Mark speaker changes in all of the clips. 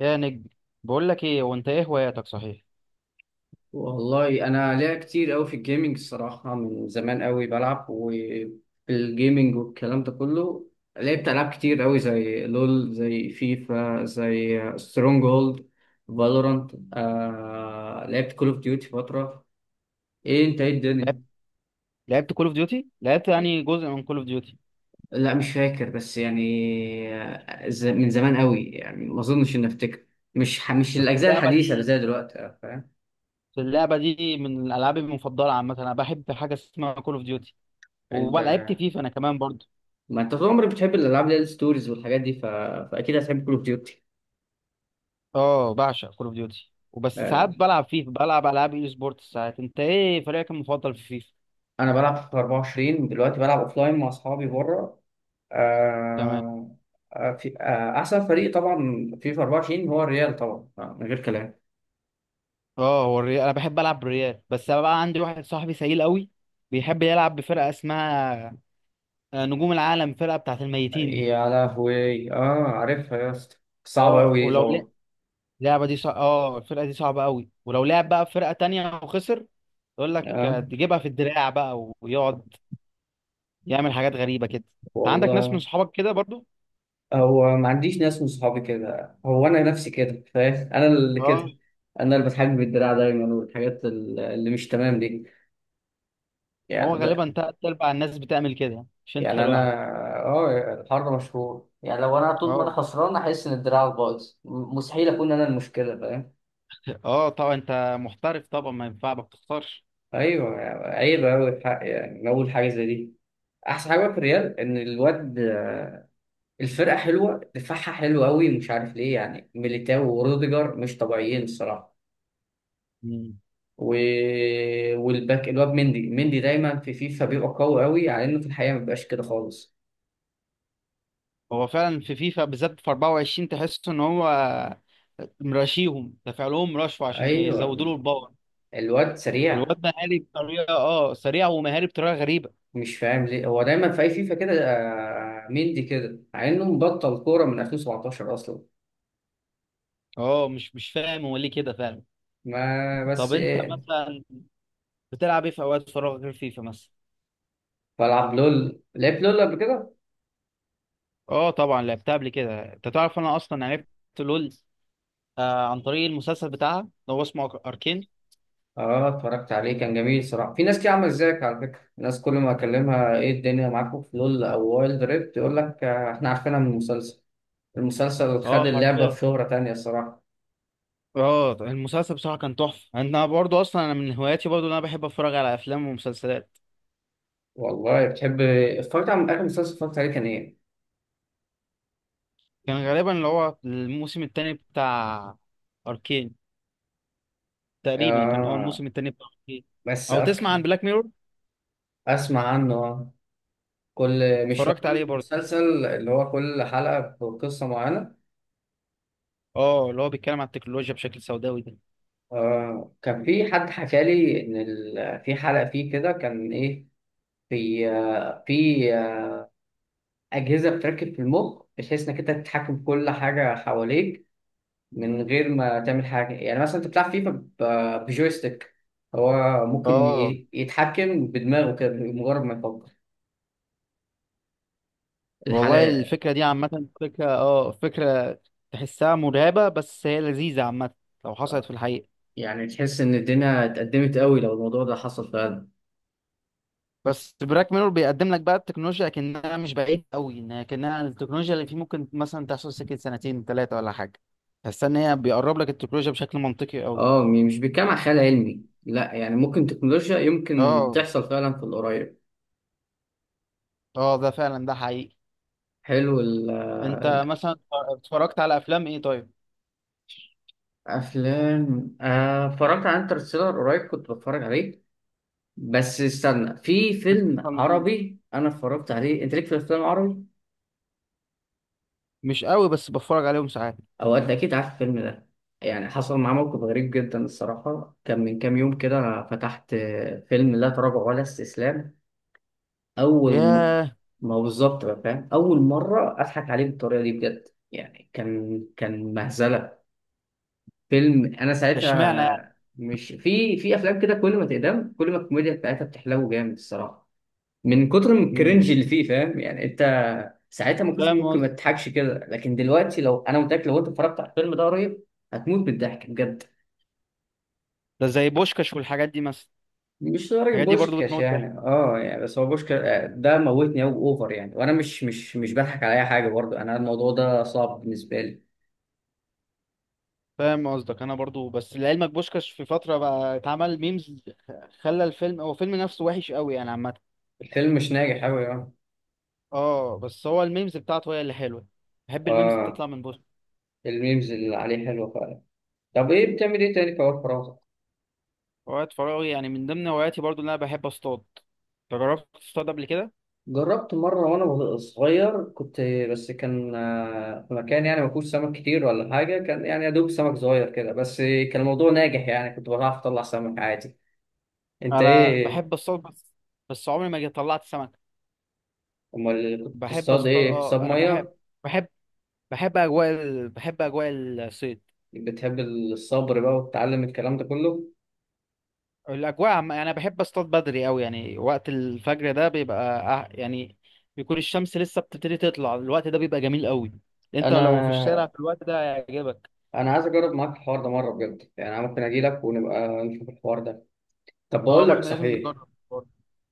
Speaker 1: يا نجم، بقول لك ايه؟ وانت ايه هواياتك؟ صحيح
Speaker 2: والله انا ليا كتير قوي في الجيمنج الصراحه، من زمان قوي بلعب وفي الجيمنج والكلام ده كله. لعبت العاب كتير قوي زي لول، زي فيفا، زي سترونج هولد، فالورانت. لعبت كول اوف ديوتي فتره. ايه انت ايه الدنيا؟
Speaker 1: لعبت لعبت كول اوف ديوتي، لعبت يعني جزء من كول اوف ديوتي.
Speaker 2: لا مش فاكر بس يعني من زمان قوي يعني ما اظنش اني افتكر. مش
Speaker 1: بس
Speaker 2: الاجزاء
Speaker 1: اللعبه
Speaker 2: الحديثه اللي
Speaker 1: دي
Speaker 2: زي دلوقتي، فاهم.
Speaker 1: بس اللعبه دي من الالعاب المفضله. عامه انا بحب حاجه اسمها كول اوف ديوتي،
Speaker 2: انت،
Speaker 1: ولعبت فيفا انا كمان برضه.
Speaker 2: ما انت طول عمرك بتحب الالعاب اللي هي الستوريز والحاجات دي فاكيد هتحب كول اوف ديوتي.
Speaker 1: اه بعشق كول اوف ديوتي، وبس ساعات
Speaker 2: آه،
Speaker 1: بلعب فيفا، بلعب العاب اي سبورتس ساعات. انت ايه فريقك المفضل في فيفا؟
Speaker 2: انا بلعب في 24 دلوقتي، بلعب اوفلاين مع اصحابي بره.
Speaker 1: تمام.
Speaker 2: آه، آه، في آه، احسن فريق طبعا في 24 هو الريال طبعا، من غير كلام.
Speaker 1: اه هو الريال، انا بحب العب بالريال. بس أنا بقى عندي واحد صاحبي سيل قوي، بيحب يلعب بفرقه اسمها نجوم العالم، فرقه بتاعت الميتين دي.
Speaker 2: يا لهوي اه، عارفها يا اسطى، صعب
Speaker 1: اه
Speaker 2: قوي دي
Speaker 1: ولو
Speaker 2: طبعا.
Speaker 1: اللعبه دي صع... اه الفرقه دي صعبه قوي، ولو لعب بقى في فرقه تانية وخسر يقول لك
Speaker 2: اه
Speaker 1: تجيبها في الدراع بقى، ويقعد يعمل حاجات غريبه كده. انت عندك ناس من
Speaker 2: والله،
Speaker 1: صحابك كده برضو؟
Speaker 2: هو ما عنديش ناس من صحابي كده، هو انا نفسي كده، فاهم؟ انا اللي
Speaker 1: اه
Speaker 2: كده، انا اللي بتحجب بالدراع دايما والحاجات اللي مش تمام دي
Speaker 1: هو
Speaker 2: يعني.
Speaker 1: غالبا تلات ارباع الناس بتعمل كده يعني، مش انت
Speaker 2: يعني انا،
Speaker 1: لوحدك.
Speaker 2: اه الحر مشهور يعني لو انا طول ما انا
Speaker 1: اه
Speaker 2: خسران احس ان دراعك بايظ، مستحيل اكون انا المشكله، فاهم.
Speaker 1: اه طبعا، انت محترف طبعا، ما ينفع ما بتختارش.
Speaker 2: ايوه يعني عيب قوي الحق يعني من اول حاجه زي دي. احسن حاجه في الريال ان الواد، الفرقه حلوه، دفاعها حلو قوي، مش عارف ليه، يعني ميليتاو وروديجر مش طبيعيين الصراحه.
Speaker 1: مم.
Speaker 2: و... والباك الواد مندي. مندي دايما في فيفا بيبقى قوي على انه في الحقيقه ما بيبقاش كده خالص.
Speaker 1: هو فعلا في فيفا بالذات في 24 تحس ان هو مراشيهم دافع لهم رشوه عشان يزودوا
Speaker 2: ايوه
Speaker 1: له الباور.
Speaker 2: الواد سريع.
Speaker 1: الواد مهاري بطريقه، اه سريع ومهاري بطريقه غريبه.
Speaker 2: مش فاهم ليه هو دايما في اي فيفا كده، مندي كده، مع انه مبطل كوره من 2017 اصلا.
Speaker 1: اه مش فاهم هو ليه كده فعلا.
Speaker 2: ما
Speaker 1: طب
Speaker 2: بس
Speaker 1: انت
Speaker 2: ايه.
Speaker 1: مثلا بتلعب ايه في اوقات فراغك غير فيفا مثلا؟
Speaker 2: بلعب لول، لعبت لول قبل كده.
Speaker 1: اه طبعا لعبتها قبل كده. انت تعرف انا اصلا عرفت لول آه عن طريق المسلسل بتاعها، اللي هو اسمه اركين.
Speaker 2: اه اتفرجت عليه، كان جميل صراحه. في ناس كتير عامله ازيك على فكره، ناس كل ما اكلمها ايه الدنيا معاكم في لول او وايلد ريفت يقول لك احنا عارفينها من المسلسل. المسلسل خد
Speaker 1: اه
Speaker 2: اللعبه
Speaker 1: حرفيا.
Speaker 2: في شهره تانية الصراحه.
Speaker 1: اه المسلسل بصراحه كان تحفه. انا برضو اصلا انا من هواياتي برضو ان انا بحب اتفرج على افلام ومسلسلات.
Speaker 2: والله بتحب إيه؟ اتفرجت على اخر مسلسل، اتفرجت عليه كان ايه؟
Speaker 1: كان غالبا اللي هو الموسم الثاني بتاع اركين، تقريبا كان اه
Speaker 2: آه
Speaker 1: الموسم الثاني بتاع اركين.
Speaker 2: بس
Speaker 1: او تسمع عن
Speaker 2: اركي
Speaker 1: بلاك ميرور؟
Speaker 2: اسمع عنه آه. كل، مش هو
Speaker 1: اتفرجت عليه برضو.
Speaker 2: المسلسل اللي هو كل حلقة بقصة معينة؟
Speaker 1: اه اللي هو بيتكلم عن التكنولوجيا بشكل سوداوي ده.
Speaker 2: آه، كان في حد حكى لي إن في حلقة فيه كده كان إيه، في آه في آه أجهزة بتركب في المخ بحيث إنك أنت تتحكم في كل حاجة حواليك من غير ما تعمل حاجة. يعني مثلا أنت بتلعب فيفا بجويستيك، هو ممكن
Speaker 1: اه
Speaker 2: يتحكم بدماغه كده بمجرد ما يفكر
Speaker 1: والله
Speaker 2: الحلقة.
Speaker 1: الفكرة دي عامة فكرة، اه فكرة تحسها مرعبة بس هي لذيذة عامة لو حصلت في الحقيقة.
Speaker 2: يعني تحس إن الدنيا اتقدمت قوي لو الموضوع ده حصل فعلا.
Speaker 1: بس براك ميرور بيقدم لك بقى التكنولوجيا كأنها مش بعيد قوي، انها كأنها التكنولوجيا اللي فيه ممكن مثلا تحصل سكة سنتين ثلاثة ولا حاجة. تحس ان هي بيقرب لك التكنولوجيا بشكل منطقي قوي.
Speaker 2: اه مش بيتكلم عن خيال علمي لا، يعني ممكن تكنولوجيا يمكن
Speaker 1: اه
Speaker 2: تحصل فعلا في القريب.
Speaker 1: اه ده فعلا، ده حقيقي.
Speaker 2: حلو.
Speaker 1: انت مثلا اتفرجت على افلام ايه طيب؟
Speaker 2: الافلام، اتفرجت على انترستيلر قريب، كنت بتفرج عليه. بس استنى، في فيلم
Speaker 1: فنون.
Speaker 2: عربي انا اتفرجت عليه، انت ليك في الافلام العربي
Speaker 1: مش قوي بس بتفرج عليهم ساعات.
Speaker 2: او انت اكيد عارف الفيلم ده؟ يعني حصل معاه موقف غريب جدا الصراحه. كان من كام يوم كده فتحت فيلم لا تراجع ولا استسلام. اول م...
Speaker 1: ياه.
Speaker 2: ما بالظبط بقى، فاهم، اول مره اضحك عليه بالطريقه دي بجد. يعني كان، كان مهزله. فيلم انا
Speaker 1: ده اشمعنى يعني؟
Speaker 2: ساعتها، مش في في افلام كده كل ما تقدم كل ما الكوميديا بتاعتها بتحلو جامد الصراحه، من كتر من الكرنج
Speaker 1: مم.
Speaker 2: اللي فيه، فاهم يعني انت. ساعتها ما كنتش
Speaker 1: فاهم.
Speaker 2: ممكن ما تضحكش كده، لكن دلوقتي لو انا متاكد لو انت اتفرجت على الفيلم ده قريب هتموت بالضحك بجد.
Speaker 1: ده زي بوشكاش والحاجات دي مثلا؟
Speaker 2: مش لدرجة
Speaker 1: الحاجات دي برضو
Speaker 2: بوشكاش
Speaker 1: بتموت ضحك.
Speaker 2: يعني، اه يعني، بس هو بوشكاش ده موتني أوي، اوفر يعني، وانا مش بضحك على اي حاجة برضه انا، الموضوع ده صعب بالنسبة لي.
Speaker 1: فاهم قصدك، انا برضو. بس لعلمك بوشكاش في فتره بقى اتعمل ميمز، خلى الفيلم، هو الفيلم نفسه وحش قوي انا عامه.
Speaker 2: الفيلم مش ناجح أوي يعني.
Speaker 1: اه بس هو الميمز بتاعته هي اللي حلوه، بحب الميمز
Speaker 2: اه
Speaker 1: بتطلع من بوشكاش.
Speaker 2: الميمز اللي عليه حلوة فعلا. طب ايه بتعمل ايه تاني في اوقات فراغك؟
Speaker 1: هوايات فراغي، يعني من ضمن هواياتي برضو ان انا بحب اصطاد. جربت تصطاد قبل كده؟
Speaker 2: جربت مرة وانا صغير، كنت بس كان في مكان يعني ما فيهوش سمك كتير ولا حاجة، كان يعني يا دوب سمك صغير كده، بس كان الموضوع ناجح يعني كنت بعرف اطلع سمك عادي. انت
Speaker 1: انا بحب
Speaker 2: ايه؟
Speaker 1: اصطاد بس، بس عمري ما جيت طلعت سمك.
Speaker 2: امال كنت
Speaker 1: بحب
Speaker 2: بتصطاد
Speaker 1: اصطاد،
Speaker 2: ايه، بتصطاد
Speaker 1: اه انا بحب،
Speaker 2: مية؟
Speaker 1: بحب، بحب اجواء الصيد.
Speaker 2: بتحب الصبر بقى وتتعلم الكلام ده كله.
Speaker 1: يعني انا بحب اصطاد بدري قوي، يعني وقت الفجر ده بيبقى يعني بيكون الشمس لسه بتبتدي تطلع. الوقت ده بيبقى جميل قوي، انت لو في الشارع
Speaker 2: انا
Speaker 1: في الوقت ده هيعجبك.
Speaker 2: انا عايز اجرب معاك الحوار ده مره بجد، يعني انا ممكن اجي لك ونبقى نشوف الحوار ده. طب
Speaker 1: اه
Speaker 2: بقول
Speaker 1: ما
Speaker 2: لك
Speaker 1: احنا لازم
Speaker 2: صحيح،
Speaker 1: نجرب.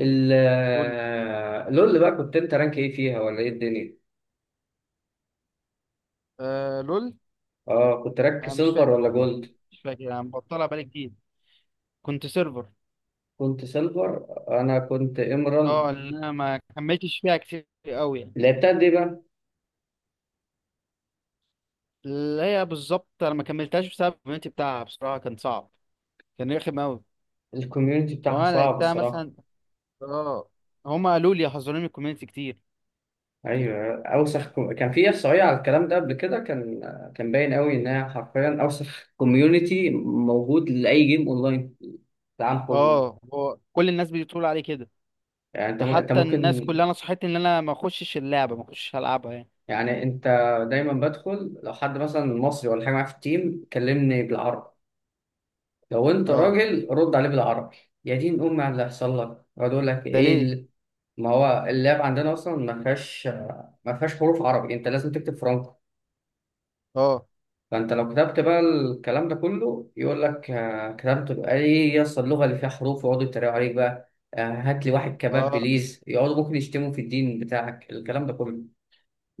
Speaker 2: ال
Speaker 1: قول لي.
Speaker 2: آه، لول بقى، كنت انت رانك ايه فيها ولا ايه الدنيا؟
Speaker 1: آه لول.
Speaker 2: اه كنت رانك
Speaker 1: انا مش
Speaker 2: سيلفر
Speaker 1: فاكر
Speaker 2: ولا
Speaker 1: والله،
Speaker 2: جولد؟
Speaker 1: مش فاكر، انا مبطلها بقالي كتير. كنت سيرفر.
Speaker 2: كنت سيلفر، انا كنت ايمرالد.
Speaker 1: اه اللي انا ما كملتش فيها كتير قوي يعني.
Speaker 2: لعبتها قد ايه بقى؟
Speaker 1: اللي هي بالظبط انا ما كملتهاش بسبب الكوميونتي بتاعها، بصراحه كان صعب، كان رخم قوي.
Speaker 2: الكوميونتي بتاعها
Speaker 1: فانا
Speaker 2: صعب
Speaker 1: لعبتها
Speaker 2: الصراحه.
Speaker 1: مثلا، اه هما قالوا لي، حذروني من الكوميونتي كتير.
Speaker 2: ايوه اوسخ، كان في احصائيه على الكلام ده قبل كده، كان كان باين قوي ان هي حرفيا اوسخ كوميونتي موجود لاي جيم اونلاين في العالم كله.
Speaker 1: اه هو كل الناس بتقول عليه كده،
Speaker 2: يعني انت
Speaker 1: ده
Speaker 2: م- انت
Speaker 1: حتى
Speaker 2: ممكن
Speaker 1: الناس كلها نصحتني ان انا ما اخشش اللعبه، ما اخشش العبها يعني.
Speaker 2: يعني انت دايما بدخل، لو حد مثلا مصري ولا حاجه معايا في التيم كلمني بالعربي، لو انت
Speaker 1: اه
Speaker 2: راجل رد عليه بالعربي، يا دين امي على اللي هيحصل لك. يقعد يقول لك
Speaker 1: ده
Speaker 2: ايه
Speaker 1: ليه؟
Speaker 2: ما هو اللاب عندنا اصلا ما فيهاش حروف عربي، انت لازم تكتب فرنك.
Speaker 1: اه
Speaker 2: فانت لو كتبت بقى الكلام ده كله يقول لك كتبت بقى ايه يا اسطى اللغه اللي فيها حروف، ويقعدوا يتريقوا عليك بقى، هات لي واحد كباب
Speaker 1: اه
Speaker 2: بليز، يقعدوا ممكن يشتموا في الدين بتاعك الكلام ده كله.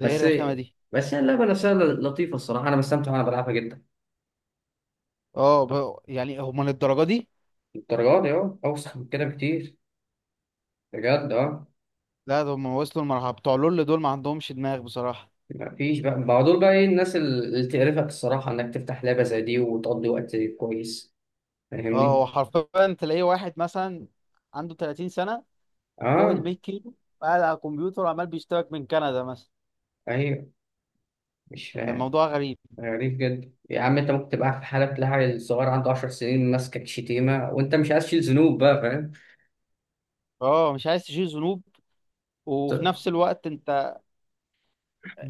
Speaker 1: ده ايه الرخامه دي؟
Speaker 2: بس هي اللعبه نفسها لطيفه الصراحه، انا بستمتع وانا بلعبها جدا.
Speaker 1: اه ب... يعني هم للدرجه دي؟
Speaker 2: الدرجات دي اه اوسخ من كده بكتير، بجد اه.
Speaker 1: لا ده هم وصلوا المرحله، بتوع لول دول ما عندهمش دماغ بصراحه.
Speaker 2: مفيش بقى، دول بقى ايه الناس اللي تقرفك الصراحه انك تفتح لعبه زي دي وتقضي وقت كويس،
Speaker 1: اه
Speaker 2: فاهمني؟
Speaker 1: هو حرفيا تلاقيه واحد مثلا عنده 30 سنة سنه، فوق ال
Speaker 2: اه
Speaker 1: 100 كيلو، قاعد على الكمبيوتر عمال بيشترك من كندا مثلا.
Speaker 2: ايوه مش فاهم،
Speaker 1: الموضوع غريب.
Speaker 2: غريب جدا يا عم. انت ممكن تبقى في حالة تلاقي الصغير عنده 10 سنين ماسكك شتيمة وانت مش عايز تشيل ذنوب بقى، فاهم؟
Speaker 1: اه مش عايز تشيل ذنوب، وفي
Speaker 2: ط-
Speaker 1: نفس الوقت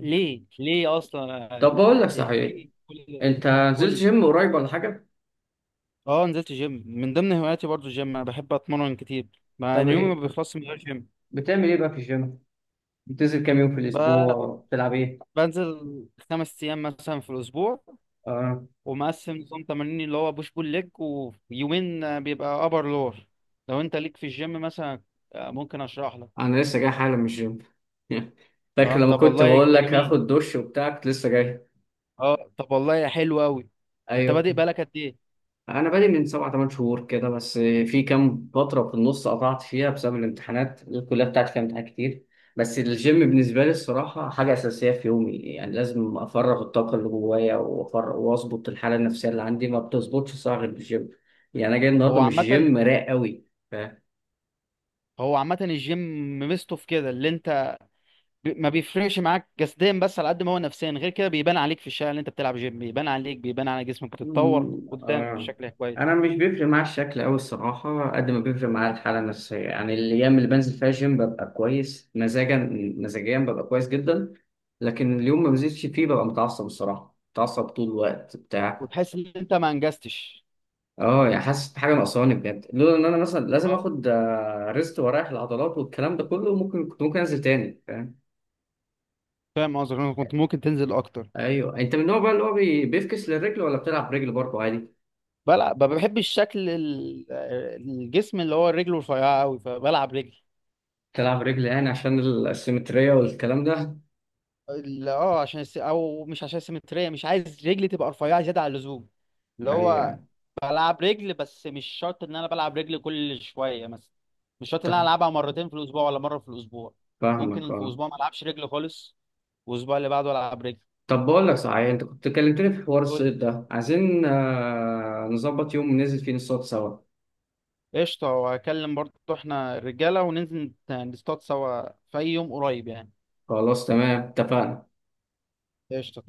Speaker 1: ليه؟ ليه اصلا
Speaker 2: طب بقول لك صحيح،
Speaker 1: ليه كل
Speaker 2: انت
Speaker 1: قول
Speaker 2: نزلت
Speaker 1: لي.
Speaker 2: جيم قريب ولا حاجة؟
Speaker 1: اه نزلت جيم، من ضمن هواياتي برضو الجيم، انا بحب اتمرن كتير، مع
Speaker 2: طب
Speaker 1: ان يومي ما
Speaker 2: ايه
Speaker 1: بيخلصش من غير جيم.
Speaker 2: بتعمل ايه بقى في الجيم؟ بتنزل كام يوم في
Speaker 1: ب...
Speaker 2: الأسبوع؟ بتلعب ايه؟
Speaker 1: بنزل خمس ايام مثلا في الاسبوع،
Speaker 2: اه
Speaker 1: ومقسم نظام تمارين اللي هو بوش بول ليج، ويومين بيبقى ابر لور. لو انت ليك في الجيم مثلا، ممكن اشرح لك.
Speaker 2: انا لسه جاي حالا من الجيم فاكر
Speaker 1: اه
Speaker 2: لما
Speaker 1: طب
Speaker 2: كنت
Speaker 1: والله
Speaker 2: بقول
Speaker 1: ده
Speaker 2: لك
Speaker 1: جميل،
Speaker 2: هاخد دش وبتاع، كنت لسه جاي.
Speaker 1: اه طب والله حلو قوي. انت
Speaker 2: ايوه
Speaker 1: بادئ بقالك قد ايه؟
Speaker 2: انا بادئ من سبع ثمان شهور كده، بس في كام فتره في النص قطعت فيها بسبب الامتحانات، الكليه بتاعتي فيها امتحانات كتير. بس الجيم بالنسبه لي الصراحه حاجه اساسيه في يومي، يعني لازم افرغ الطاقه اللي جوايا وافرغ واظبط الحاله النفسيه اللي عندي، ما بتظبطش الصراحه غير بالجيم. يعني انا جاي النهارده
Speaker 1: هو
Speaker 2: مش
Speaker 1: عامه
Speaker 2: جيم، رايق قوي.
Speaker 1: هو عامه الجيم ميزته في كده، اللي انت ما بيفرقش معاك جسديا، بس على قد ما هو نفسيا غير كده. بيبان عليك في الشارع اللي انت بتلعب جيم، بيبان عليك، بيبان على جسمك، بتتطور
Speaker 2: مم،
Speaker 1: قدام
Speaker 2: آه.
Speaker 1: بشكل كويس.
Speaker 2: انا مش بيفرق معايا الشكل أوي الصراحه قد ما بيفرق معايا الحاله النفسيه. يعني الايام اللي بنزل فيها جيم ببقى كويس مزاجا، مزاجيا ببقى كويس جدا. لكن اليوم ما بنزلش فيه ببقى متعصب الصراحه، متعصب طول الوقت بتاع.
Speaker 1: وتحس ان انت ما انجزتش.
Speaker 2: اه يعني حاسس بحاجه ناقصاني بجد. لولا ان انا مثلا لازم
Speaker 1: اه
Speaker 2: اخد ريست واريح العضلات والكلام ده كله ممكن كنت انزل تاني، فاهم.
Speaker 1: فاهم قصدك، انا كنت ممكن تنزل اكتر.
Speaker 2: ايوه انت من النوع بقى اللي هو بيفكس للرجل ولا بتلعب رجل برضه عادي؟
Speaker 1: بلعب، ما بحبش شكل الجسم اللي هو رجله رفيعه قوي، فبلعب رجل.
Speaker 2: بتلعب رجل يعني عشان السيمترية والكلام ده؟
Speaker 1: ال- اه عشان الس... او مش عشان السيمتريه، مش عايز رجلي تبقى رفيعه زياده عن اللزوم. اللي
Speaker 2: ايوه
Speaker 1: هو بلعب رجل، بس مش شرط ان انا بلعب رجل كل شويه مثلا، مش شرط ان انا العبها مرتين في الاسبوع ولا مره في الاسبوع،
Speaker 2: فاهمك
Speaker 1: ممكن في
Speaker 2: اه.
Speaker 1: اسبوع ما العبش رجل خالص، والاسبوع اللي بعده العب رجل.
Speaker 2: طب بقول لك صحيح، انت كنت كلمتني في حوار
Speaker 1: قول
Speaker 2: الصيد
Speaker 1: لي.
Speaker 2: ده، عايزين نظبط يوم ننزل فيه نصطاد سوا.
Speaker 1: قشطه، وهكلم برضه احنا الرجاله وننزل نصطاد سوا في اي يوم قريب يعني.
Speaker 2: خلاص تمام اتفقنا.
Speaker 1: قشطه.